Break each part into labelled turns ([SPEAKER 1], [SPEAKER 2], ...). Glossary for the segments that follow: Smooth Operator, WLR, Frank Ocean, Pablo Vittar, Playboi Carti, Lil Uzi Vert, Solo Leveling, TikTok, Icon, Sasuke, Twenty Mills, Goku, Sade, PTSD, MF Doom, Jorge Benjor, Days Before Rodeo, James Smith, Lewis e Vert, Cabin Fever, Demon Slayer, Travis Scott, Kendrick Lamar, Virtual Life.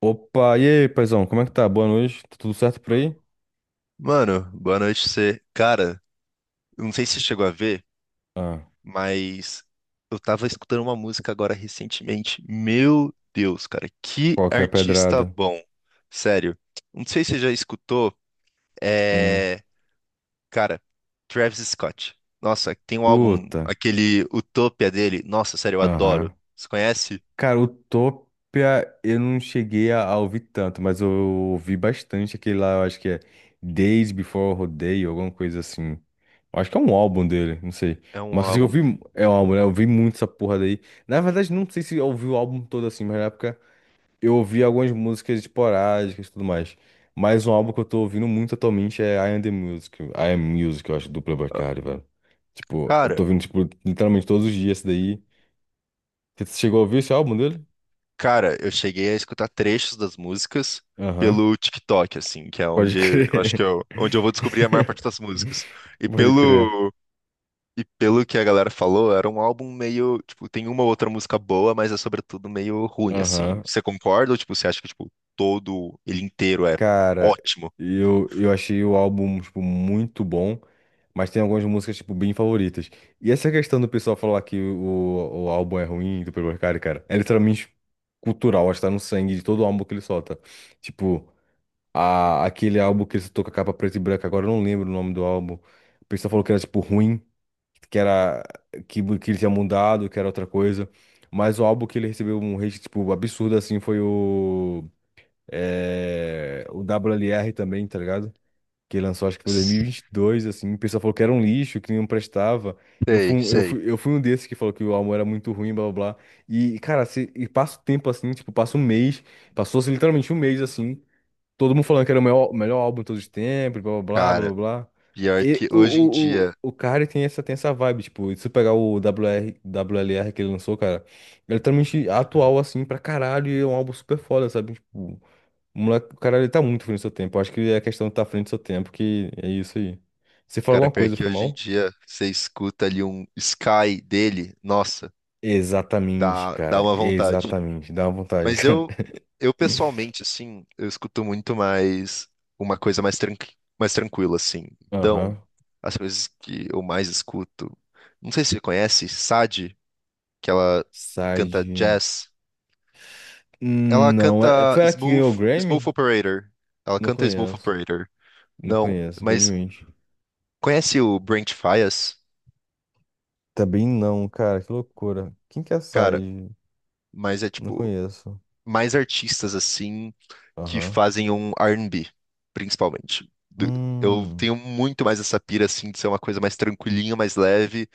[SPEAKER 1] Opa, e aí, paizão, como é que tá? Boa noite, tá tudo certo por aí?
[SPEAKER 2] Mano, boa noite pra você. Cara, eu não sei se você chegou a ver,
[SPEAKER 1] Ah,
[SPEAKER 2] mas eu tava escutando uma música agora recentemente. Meu Deus, cara, que
[SPEAKER 1] qualquer
[SPEAKER 2] artista
[SPEAKER 1] pedrada.
[SPEAKER 2] bom. Sério. Não sei se você já escutou,
[SPEAKER 1] Hum.
[SPEAKER 2] é... cara, Travis Scott. Nossa, tem um álbum,
[SPEAKER 1] Curta.
[SPEAKER 2] aquele Utopia dele. Nossa, sério, eu adoro.
[SPEAKER 1] Aham.
[SPEAKER 2] Você conhece?
[SPEAKER 1] Cara, Utopia eu não cheguei a ouvir tanto, mas eu ouvi bastante aquele lá, eu acho que é Days Before Rodeo, alguma coisa assim. Eu acho que é um álbum dele, não sei.
[SPEAKER 2] É um
[SPEAKER 1] Mas assim, eu
[SPEAKER 2] álbum.
[SPEAKER 1] ouvi, é um álbum, né? Eu ouvi muito essa porra daí. Na verdade, não sei se eu ouvi o álbum todo assim, mas na época. Eu ouvi algumas músicas esporádicas e tudo mais. Mas um álbum que eu tô ouvindo muito atualmente é I Am The Music. I Am Music, eu acho, do Playboi Carti, velho. Tipo, eu
[SPEAKER 2] Cara,
[SPEAKER 1] tô ouvindo, tipo, literalmente todos os dias esse daí. Você chegou a ouvir esse álbum dele?
[SPEAKER 2] Cara, eu cheguei a escutar trechos das músicas
[SPEAKER 1] Aham.
[SPEAKER 2] pelo TikTok, assim, que é
[SPEAKER 1] Pode
[SPEAKER 2] onde eu acho que
[SPEAKER 1] crer.
[SPEAKER 2] eu, onde eu vou descobrir a maior parte das músicas. E
[SPEAKER 1] Pode crer.
[SPEAKER 2] pelo e pelo que a galera falou, era um álbum meio, tipo, tem uma ou outra música boa, mas é sobretudo meio ruim, assim.
[SPEAKER 1] Aham.
[SPEAKER 2] Você concorda ou tipo, você acha que tipo todo ele inteiro é
[SPEAKER 1] Cara,
[SPEAKER 2] ótimo?
[SPEAKER 1] eu achei o álbum, tipo, muito bom, mas tem algumas músicas, tipo, bem favoritas. E essa questão do pessoal falar que o álbum é ruim do Pablo Vittar, cara, é literalmente cultural, acho que tá no sangue de todo álbum que ele solta. Tipo, aquele álbum que ele soltou com a capa preta e branca, agora eu não lembro o nome do álbum. O pessoal falou que era, tipo, ruim, que era, que ele tinha mudado, que era outra coisa. Mas o álbum que ele recebeu um hate, tipo, absurdo, assim, foi o W L R também, tá ligado? Que lançou, acho que foi em 2022, assim. O pessoal falou que era um lixo, que não prestava. Eu
[SPEAKER 2] Sei,
[SPEAKER 1] fui, um- eu
[SPEAKER 2] sei.
[SPEAKER 1] fui, eu fui um desses que falou que o álbum era muito ruim, blá blá blá. E, cara, se, e passa o tempo assim, tipo, passa um mês, passou-se literalmente um mês assim, todo mundo falando que era o maior- melhor álbum de todos os tempos, blá blá blá
[SPEAKER 2] Cara,
[SPEAKER 1] blá blá.
[SPEAKER 2] pior
[SPEAKER 1] E
[SPEAKER 2] que
[SPEAKER 1] o,
[SPEAKER 2] hoje em
[SPEAKER 1] o, o,
[SPEAKER 2] dia,
[SPEAKER 1] o cara tem essa vibe, tipo, e se você pegar o W WR, R que ele lançou, cara, é literalmente atual assim pra caralho e é um álbum super foda, sabe? Tipo. O moleque, o cara, ele tá muito à frente do seu tempo. Eu acho que é a questão de estar tá à frente do seu tempo, que é isso aí. Você falou
[SPEAKER 2] cara,
[SPEAKER 1] alguma
[SPEAKER 2] pior
[SPEAKER 1] coisa,
[SPEAKER 2] que
[SPEAKER 1] foi
[SPEAKER 2] hoje em
[SPEAKER 1] mal?
[SPEAKER 2] dia você escuta ali um Sky dele, nossa,
[SPEAKER 1] Exatamente,
[SPEAKER 2] dá
[SPEAKER 1] cara.
[SPEAKER 2] uma vontade.
[SPEAKER 1] Exatamente. Dá uma vontade,
[SPEAKER 2] Mas
[SPEAKER 1] cara.
[SPEAKER 2] eu pessoalmente, assim, eu escuto muito mais uma coisa mais, tranqui mais tranquila, assim. Então,
[SPEAKER 1] Aham.
[SPEAKER 2] as coisas que eu mais escuto, não sei se você conhece, Sade, que ela canta
[SPEAKER 1] Sage.
[SPEAKER 2] jazz. Ela
[SPEAKER 1] Não,
[SPEAKER 2] canta
[SPEAKER 1] foi ela que
[SPEAKER 2] Smooth,
[SPEAKER 1] ganhou o
[SPEAKER 2] Smooth
[SPEAKER 1] Grammy?
[SPEAKER 2] Operator. Ela
[SPEAKER 1] Não
[SPEAKER 2] canta Smooth
[SPEAKER 1] conheço.
[SPEAKER 2] Operator.
[SPEAKER 1] Não
[SPEAKER 2] Não,
[SPEAKER 1] conheço,
[SPEAKER 2] mas
[SPEAKER 1] infelizmente.
[SPEAKER 2] conhece o Brent Faiyaz?
[SPEAKER 1] Também não, cara. Que loucura. Quem que é a
[SPEAKER 2] Cara,
[SPEAKER 1] Sage?
[SPEAKER 2] mas é
[SPEAKER 1] Não
[SPEAKER 2] tipo,
[SPEAKER 1] conheço.
[SPEAKER 2] mais artistas assim que
[SPEAKER 1] Aham.
[SPEAKER 2] fazem um R e b, principalmente. Do- Eu
[SPEAKER 1] Hum.
[SPEAKER 2] tenho muito mais essa pira assim de ser uma coisa mais tranquilinha, mais leve,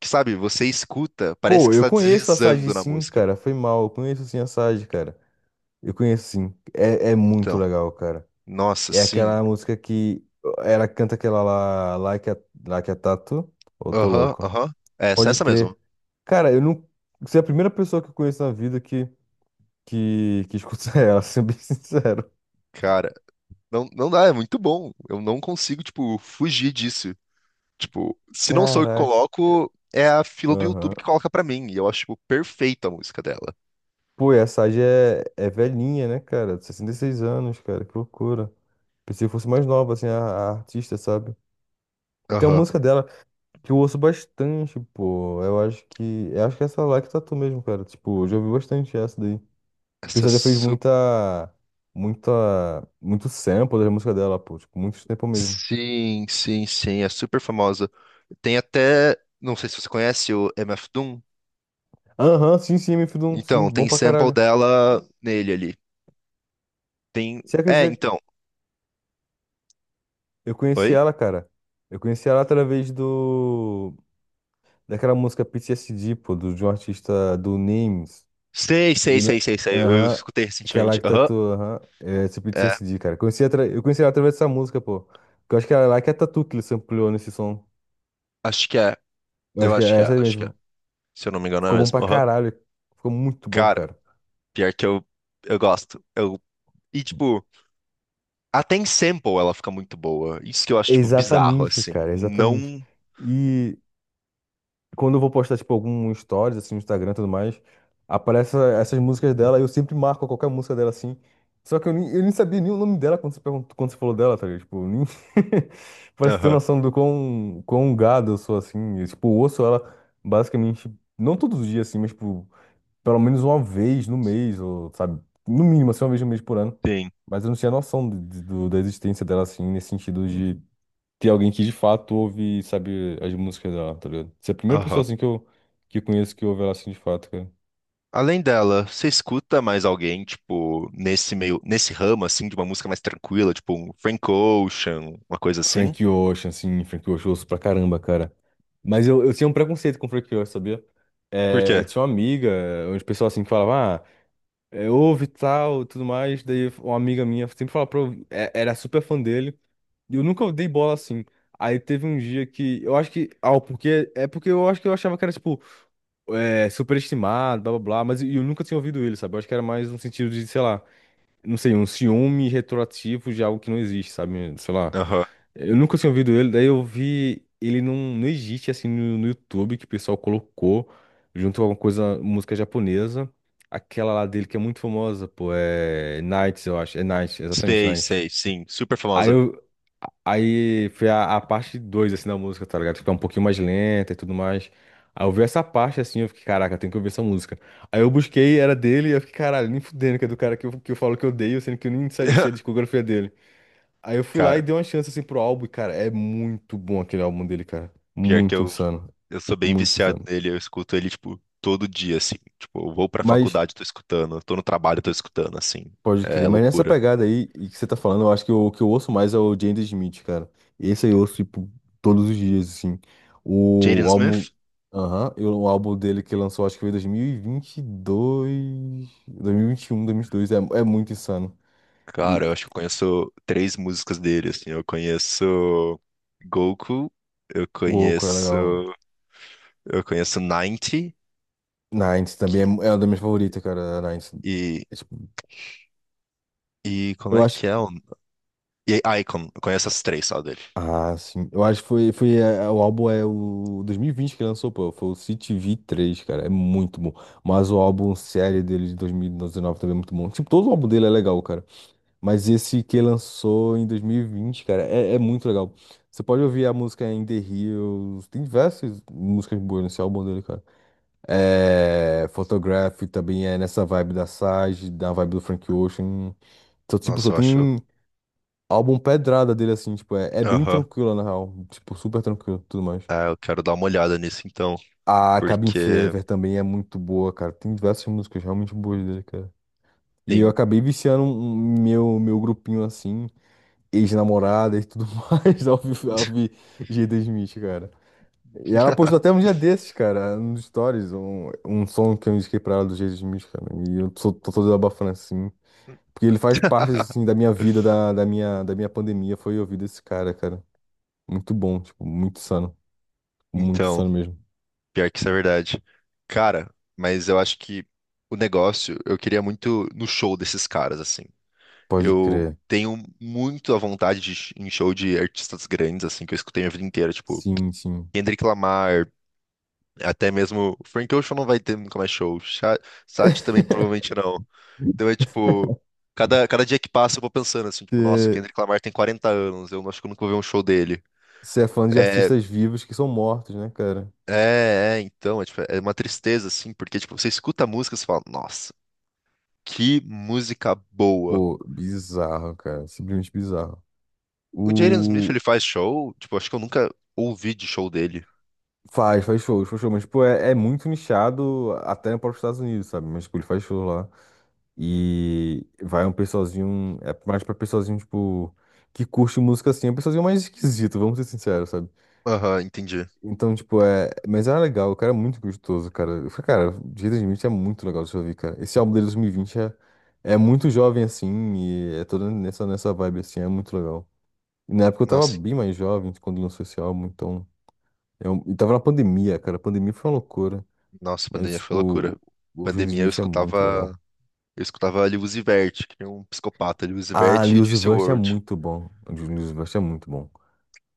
[SPEAKER 2] que sabe, você escuta, parece
[SPEAKER 1] Pô,
[SPEAKER 2] que
[SPEAKER 1] eu
[SPEAKER 2] está
[SPEAKER 1] conheço a Sage
[SPEAKER 2] deslizando na
[SPEAKER 1] sim,
[SPEAKER 2] música.
[SPEAKER 1] cara. Foi mal. Eu conheço sim a Sage, cara. Eu conheço sim. É muito
[SPEAKER 2] Então,
[SPEAKER 1] legal, cara.
[SPEAKER 2] nossa,
[SPEAKER 1] É
[SPEAKER 2] sim.
[SPEAKER 1] aquela música que ela canta aquela lá, Like a, Like a Tattoo, ou Tô
[SPEAKER 2] Aham,
[SPEAKER 1] Louco?
[SPEAKER 2] aham. Essa,
[SPEAKER 1] Pode
[SPEAKER 2] essa mesmo.
[SPEAKER 1] crer. Cara, eu não. Você é a primeira pessoa que eu conheço na vida que, que escuta ela, sendo bem sincero.
[SPEAKER 2] Cara, não, não dá, é muito bom. Eu não consigo, tipo, fugir disso. Tipo, se não sou eu que
[SPEAKER 1] Caraca.
[SPEAKER 2] coloco, é a fila do YouTube
[SPEAKER 1] Aham.
[SPEAKER 2] que coloca pra mim. E eu acho, tipo, perfeita a música dela.
[SPEAKER 1] Pô, e a Sage é velhinha, né, cara? 66 anos, cara, que loucura. Pensei que fosse mais nova, assim, a artista, sabe? Tem uma
[SPEAKER 2] Aham.
[SPEAKER 1] música dela que eu ouço bastante, pô. Eu acho que. Eu acho que é essa lá que tatu mesmo, cara. Tipo, eu já ouvi bastante essa daí. O
[SPEAKER 2] Essa é
[SPEAKER 1] pessoal já fez
[SPEAKER 2] su...
[SPEAKER 1] muita, muito sample da música dela, pô. Tipo, muito sample mesmo.
[SPEAKER 2] Sim, sim, sim, é super famosa. Tem até. Não sei se você conhece o MF Doom.
[SPEAKER 1] Aham, sim, sim, MF Doom, sim,
[SPEAKER 2] Então,
[SPEAKER 1] bom
[SPEAKER 2] tem
[SPEAKER 1] pra
[SPEAKER 2] sample
[SPEAKER 1] caralho.
[SPEAKER 2] dela nele ali. Tem.
[SPEAKER 1] Você
[SPEAKER 2] É,
[SPEAKER 1] acredita que
[SPEAKER 2] então.
[SPEAKER 1] eu conheci
[SPEAKER 2] Oi?
[SPEAKER 1] ela, cara. Eu conheci ela através do... Daquela música PTSD, pô, do, de um artista do Names.
[SPEAKER 2] Sei, sei,
[SPEAKER 1] E ela-
[SPEAKER 2] sei, sei, sei. Eu
[SPEAKER 1] Aham,
[SPEAKER 2] escutei
[SPEAKER 1] que é lá
[SPEAKER 2] recentemente.
[SPEAKER 1] que
[SPEAKER 2] Aham.
[SPEAKER 1] tatuou, aham. É, esse
[SPEAKER 2] É,
[SPEAKER 1] PTSD, cara. Conheci atra... Eu conheci ela através dessa música, pô. Que eu acho que era lá que é a Tatu que ele sampleou nesse som.
[SPEAKER 2] acho que é.
[SPEAKER 1] Eu
[SPEAKER 2] Eu
[SPEAKER 1] acho que
[SPEAKER 2] acho
[SPEAKER 1] é
[SPEAKER 2] que é,
[SPEAKER 1] essa aí
[SPEAKER 2] acho que é.
[SPEAKER 1] mesmo.
[SPEAKER 2] Se eu não me engano, é
[SPEAKER 1] Ficou bom
[SPEAKER 2] mesmo.
[SPEAKER 1] pra
[SPEAKER 2] Aham.
[SPEAKER 1] caralho. Ficou muito bom,
[SPEAKER 2] Cara,
[SPEAKER 1] cara.
[SPEAKER 2] pior que eu gosto. Tipo, até em sample ela fica muito boa. Isso que eu acho, tipo, bizarro,
[SPEAKER 1] Exatamente,
[SPEAKER 2] assim.
[SPEAKER 1] cara, exatamente.
[SPEAKER 2] Não.
[SPEAKER 1] E quando eu vou postar, tipo, algum stories, assim, no Instagram e tudo mais, aparecem essas músicas dela, eu sempre marco qualquer música dela, assim. Só que eu nem sabia nem o nome dela quando você perguntou, quando você falou dela, tá ligado? Tipo, eu nem... Parece ter
[SPEAKER 2] Aham.
[SPEAKER 1] noção do quão gado eu sou, assim. Eu, tipo, ouço ela basicamente, não todos os dias, assim, mas, tipo, pelo menos uma vez no mês, ou, sabe? No mínimo, assim, uma vez no mês por ano.
[SPEAKER 2] Sim.
[SPEAKER 1] Mas eu não tinha noção da existência dela, assim, nesse sentido de ter alguém que de fato ouve e sabe as músicas dela, tá ligado? Você é a primeira pessoa
[SPEAKER 2] Aham.
[SPEAKER 1] assim que eu conheço que ouve ela assim de fato, cara.
[SPEAKER 2] Além dela, você escuta mais alguém, tipo, nesse meio, nesse ramo, assim, de uma música mais tranquila, tipo um Frank Ocean, uma coisa assim?
[SPEAKER 1] Frank Ocean, assim, Frank Ocean, eu ouço pra caramba, cara. Mas eu tinha um preconceito com Frank Ocean, sabia?
[SPEAKER 2] Por
[SPEAKER 1] É,
[SPEAKER 2] quê?
[SPEAKER 1] eu tinha uma amiga, onde o pessoal assim que falava, ah, é, ouve e tal, tudo mais. Daí uma amiga minha sempre falava pra eu, ouvir, era super fã dele. E eu nunca dei bola assim. Aí teve um dia que eu acho que, ah, porque eu acho que eu achava que era tipo superestimado, blá blá blá, mas eu nunca tinha ouvido ele, sabe? Eu acho que era mais um sentido de, sei lá, não sei, um ciúme retroativo de algo que não existe, sabe? Sei lá.
[SPEAKER 2] Aham.
[SPEAKER 1] Eu nunca tinha ouvido ele, daí eu vi ele no Egito, assim, no YouTube, que o pessoal colocou, junto com alguma coisa, música japonesa. Aquela lá dele que é muito famosa, pô, é Nights, eu acho. É Nights, exatamente,
[SPEAKER 2] Sei,
[SPEAKER 1] Nights.
[SPEAKER 2] sei, sim. Super
[SPEAKER 1] Aí
[SPEAKER 2] famosa.
[SPEAKER 1] eu, Aí foi a parte 2 assim, da música, tá ligado? Tipo, é um pouquinho mais lenta e tudo mais. Aí eu vi essa parte, assim, eu fiquei, caraca, tem tenho que ouvir essa música. Aí eu busquei, era dele, e eu fiquei, caralho, nem fudendo, que é do cara que eu falo que eu odeio, sendo que eu nem sabia se a discografia dele. Aí eu fui lá e
[SPEAKER 2] Cara,
[SPEAKER 1] dei uma chance, assim, pro álbum, e, cara, é muito bom aquele álbum dele, cara.
[SPEAKER 2] pior que
[SPEAKER 1] Muito
[SPEAKER 2] eu
[SPEAKER 1] insano,
[SPEAKER 2] Eu sou bem
[SPEAKER 1] muito
[SPEAKER 2] viciado
[SPEAKER 1] insano.
[SPEAKER 2] nele, eu escuto ele, tipo, todo dia, assim. Tipo, eu vou pra
[SPEAKER 1] Mas
[SPEAKER 2] faculdade, tô escutando, eu tô no trabalho, tô escutando, assim.
[SPEAKER 1] pode
[SPEAKER 2] É
[SPEAKER 1] crer, mas nessa
[SPEAKER 2] loucura.
[SPEAKER 1] pegada aí e que você tá falando, eu acho que o que eu ouço mais é o James Smith, cara. Esse aí eu ouço, tipo, todos os dias, assim.
[SPEAKER 2] Jaden
[SPEAKER 1] O álbum.
[SPEAKER 2] Smith?
[SPEAKER 1] Aham, o álbum dele que lançou, acho que foi em 2022. 2021, 2022. É muito insano. E
[SPEAKER 2] Cara, eu acho que eu conheço três músicas dele, assim. Eu conheço Goku, eu
[SPEAKER 1] Goku é
[SPEAKER 2] conheço,
[SPEAKER 1] legal.
[SPEAKER 2] eu conheço 90
[SPEAKER 1] Nines também é
[SPEAKER 2] que-
[SPEAKER 1] uma das minhas favoritas, cara. A Nines.
[SPEAKER 2] e,
[SPEAKER 1] É, tipo,
[SPEAKER 2] como
[SPEAKER 1] eu
[SPEAKER 2] é
[SPEAKER 1] acho.
[SPEAKER 2] que é? E Icon, eu conheço as três só dele.
[SPEAKER 1] Ah, sim. Eu acho que o álbum é o 2020 que lançou, pô. Foi o CTV três, cara. É muito bom. Mas o álbum série dele de 2019 também é muito bom. Tipo, todo o álbum dele é legal, cara. Mas esse que lançou em 2020, cara, é muito legal. Você pode ouvir a música In The Hills. Tem diversas músicas boas nesse álbum dele, cara. É, Photograph também é nessa vibe da Sage, da vibe do Frank Ocean. Então, tipo, só
[SPEAKER 2] Nossa, eu acho.
[SPEAKER 1] tem. Álbum pedrada dele, assim, tipo, é bem
[SPEAKER 2] Aham.
[SPEAKER 1] tranquila, na real. Tipo, super tranquilo, tudo mais.
[SPEAKER 2] Ah, eu quero dar uma olhada nisso então,
[SPEAKER 1] A Cabin
[SPEAKER 2] porque
[SPEAKER 1] Fever também é muito boa, cara. Tem diversas músicas realmente boas dele, cara. E eu
[SPEAKER 2] tem.
[SPEAKER 1] acabei viciando um meu grupinho, assim, ex-namorada e tudo mais, ao ouvir G.D. Smith, cara. E ela postou até um dia desses, cara, nos stories, um som que eu indiquei pra ela do G.D. Smith, cara. E eu tô todo abafando, assim. Porque ele faz parte, assim, da minha vida, da minha pandemia, foi ouvir esse cara, cara. Muito bom, tipo, muito sano. Muito
[SPEAKER 2] Então,
[SPEAKER 1] sano mesmo.
[SPEAKER 2] pior que isso é verdade. Cara, mas eu acho que o negócio, eu queria muito no show desses caras, assim.
[SPEAKER 1] Pode
[SPEAKER 2] Eu
[SPEAKER 1] crer.
[SPEAKER 2] tenho muito a vontade de ir em show de artistas grandes, assim, que eu escutei a vida inteira, tipo,
[SPEAKER 1] Sim, sim.
[SPEAKER 2] Kendrick Lamar, até mesmo o Frank Ocean não vai ter nunca mais show. Sade também provavelmente não. Então é tipo, cada dia que passa eu vou pensando assim, tipo, nossa, o Kendrick Lamar tem 40 anos, eu não acho que eu nunca vou ver um show dele.
[SPEAKER 1] Você é fã de
[SPEAKER 2] É,
[SPEAKER 1] artistas vivos que são mortos, né, cara?
[SPEAKER 2] tipo, é uma tristeza assim, porque tipo, você escuta a música e você fala, nossa, que música boa.
[SPEAKER 1] Pô, bizarro, cara. Simplesmente bizarro.
[SPEAKER 2] O Jaden Smith, ele
[SPEAKER 1] O...
[SPEAKER 2] faz show, tipo, acho que eu nunca ouvi de show dele.
[SPEAKER 1] Faz, faz shows, mas, tipo, é muito nichado até para os Estados Unidos, sabe? Mas, tipo, ele faz show lá. E vai um pessoalzinho, é mais pra pessoalzinho, tipo, que curte música assim, é um pessoalzinho mais esquisito, vamos ser sinceros,
[SPEAKER 2] Aham, entendi.
[SPEAKER 1] então, tipo, é. Mas era legal, o cara é muito gostoso, cara. Eu falei, cara, Jaden Smith é muito legal de ouvir, cara. Esse álbum dele de 2020 é muito jovem, assim, e é todo nessa vibe, assim, é muito legal. E na época eu tava
[SPEAKER 2] Nossa,
[SPEAKER 1] bem mais jovem quando lançou esse álbum, então. Eu, e tava na pandemia, cara. A pandemia foi uma loucura.
[SPEAKER 2] nossa,
[SPEAKER 1] Mas,
[SPEAKER 2] pandemia foi
[SPEAKER 1] tipo,
[SPEAKER 2] loucura.
[SPEAKER 1] o Jaden
[SPEAKER 2] Pandemia eu
[SPEAKER 1] Smith é muito
[SPEAKER 2] escutava
[SPEAKER 1] legal.
[SPEAKER 2] Eu escutava Lewis e Vert, que é um psicopata, Lewis e
[SPEAKER 1] Ah,
[SPEAKER 2] Vert
[SPEAKER 1] Lil
[SPEAKER 2] e
[SPEAKER 1] Uzi Vert é
[SPEAKER 2] Discworld.
[SPEAKER 1] muito bom. O Lil Uzi Vert é muito bom.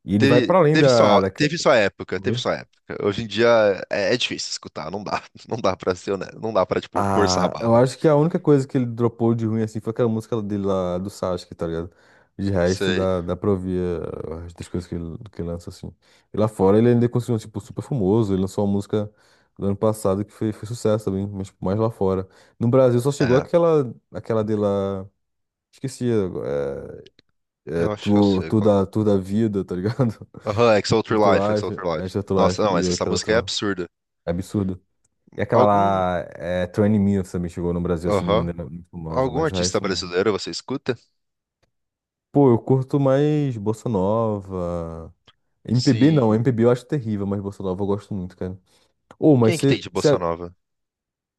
[SPEAKER 1] E ele vai pra além da, da...
[SPEAKER 2] Teve sua época. Hoje em dia é difícil escutar, não dá, não dá pra ser, né? Não dá pra, tipo, forçar a
[SPEAKER 1] Ah, eu
[SPEAKER 2] barra.
[SPEAKER 1] acho que a única coisa que ele dropou de ruim assim foi aquela música dele lá do Sasuke, tá ligado? De resto,
[SPEAKER 2] Sei.
[SPEAKER 1] dá pra ouvir o resto das coisas que ele lança assim. E lá fora ele ainda continua, tipo, super famoso. Ele lançou uma música do ano passado que foi sucesso também, mas tipo, mais lá fora. No Brasil só chegou
[SPEAKER 2] É,
[SPEAKER 1] aquela dele lá. Esqueci, é
[SPEAKER 2] eu acho que eu
[SPEAKER 1] tu,
[SPEAKER 2] sei qual.
[SPEAKER 1] tu da Vida, tá ligado?
[SPEAKER 2] Aham, It's Outro Life,
[SPEAKER 1] Virtual
[SPEAKER 2] ex
[SPEAKER 1] Life,
[SPEAKER 2] Outro
[SPEAKER 1] é
[SPEAKER 2] Life.
[SPEAKER 1] Virtual
[SPEAKER 2] Nossa,
[SPEAKER 1] Life
[SPEAKER 2] não, mas
[SPEAKER 1] e
[SPEAKER 2] essa
[SPEAKER 1] aquela
[SPEAKER 2] música
[SPEAKER 1] outra
[SPEAKER 2] é
[SPEAKER 1] lá.
[SPEAKER 2] absurda.
[SPEAKER 1] É absurdo. E aquela
[SPEAKER 2] Algum,
[SPEAKER 1] lá, Twenty Mills também chegou no Brasil assim de
[SPEAKER 2] aham,
[SPEAKER 1] maneira muito famosa,
[SPEAKER 2] algum
[SPEAKER 1] mas o
[SPEAKER 2] artista
[SPEAKER 1] resto não.
[SPEAKER 2] brasileiro você escuta?
[SPEAKER 1] Pô, eu curto mais Bossa Nova. MPB não,
[SPEAKER 2] Sim.
[SPEAKER 1] MPB eu acho terrível, mas Bossa Nova eu gosto muito, cara. Ô, mas
[SPEAKER 2] Quem que tem
[SPEAKER 1] você.
[SPEAKER 2] de bossa nova?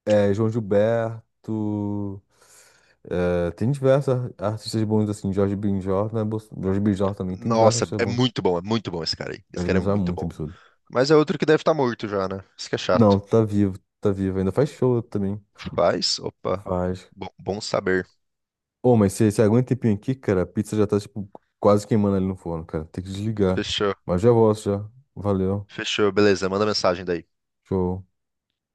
[SPEAKER 1] João Gilberto. É, tem diversos artistas bons assim, Jorge Benjor, né? Jorge Benjor também, tem diversos
[SPEAKER 2] Nossa,
[SPEAKER 1] artistas bons.
[SPEAKER 2] é muito bom esse cara aí. Esse
[SPEAKER 1] Jorge
[SPEAKER 2] cara é
[SPEAKER 1] Benjor é
[SPEAKER 2] muito
[SPEAKER 1] muito
[SPEAKER 2] bom.
[SPEAKER 1] absurdo.
[SPEAKER 2] Mas é outro que deve estar morto já, né? Isso que é
[SPEAKER 1] Não,
[SPEAKER 2] chato.
[SPEAKER 1] tá vivo, ainda faz show também.
[SPEAKER 2] Faz? Opa.
[SPEAKER 1] Faz,
[SPEAKER 2] Bom, bom saber.
[SPEAKER 1] Ô, mas se aguenta um tempinho aqui, cara, a pizza já tá, tipo, quase queimando ali no forno, cara. Tem que desligar.
[SPEAKER 2] Fechou.
[SPEAKER 1] Mas já volto, já. Valeu.
[SPEAKER 2] Fechou, beleza. Manda mensagem daí.
[SPEAKER 1] Show.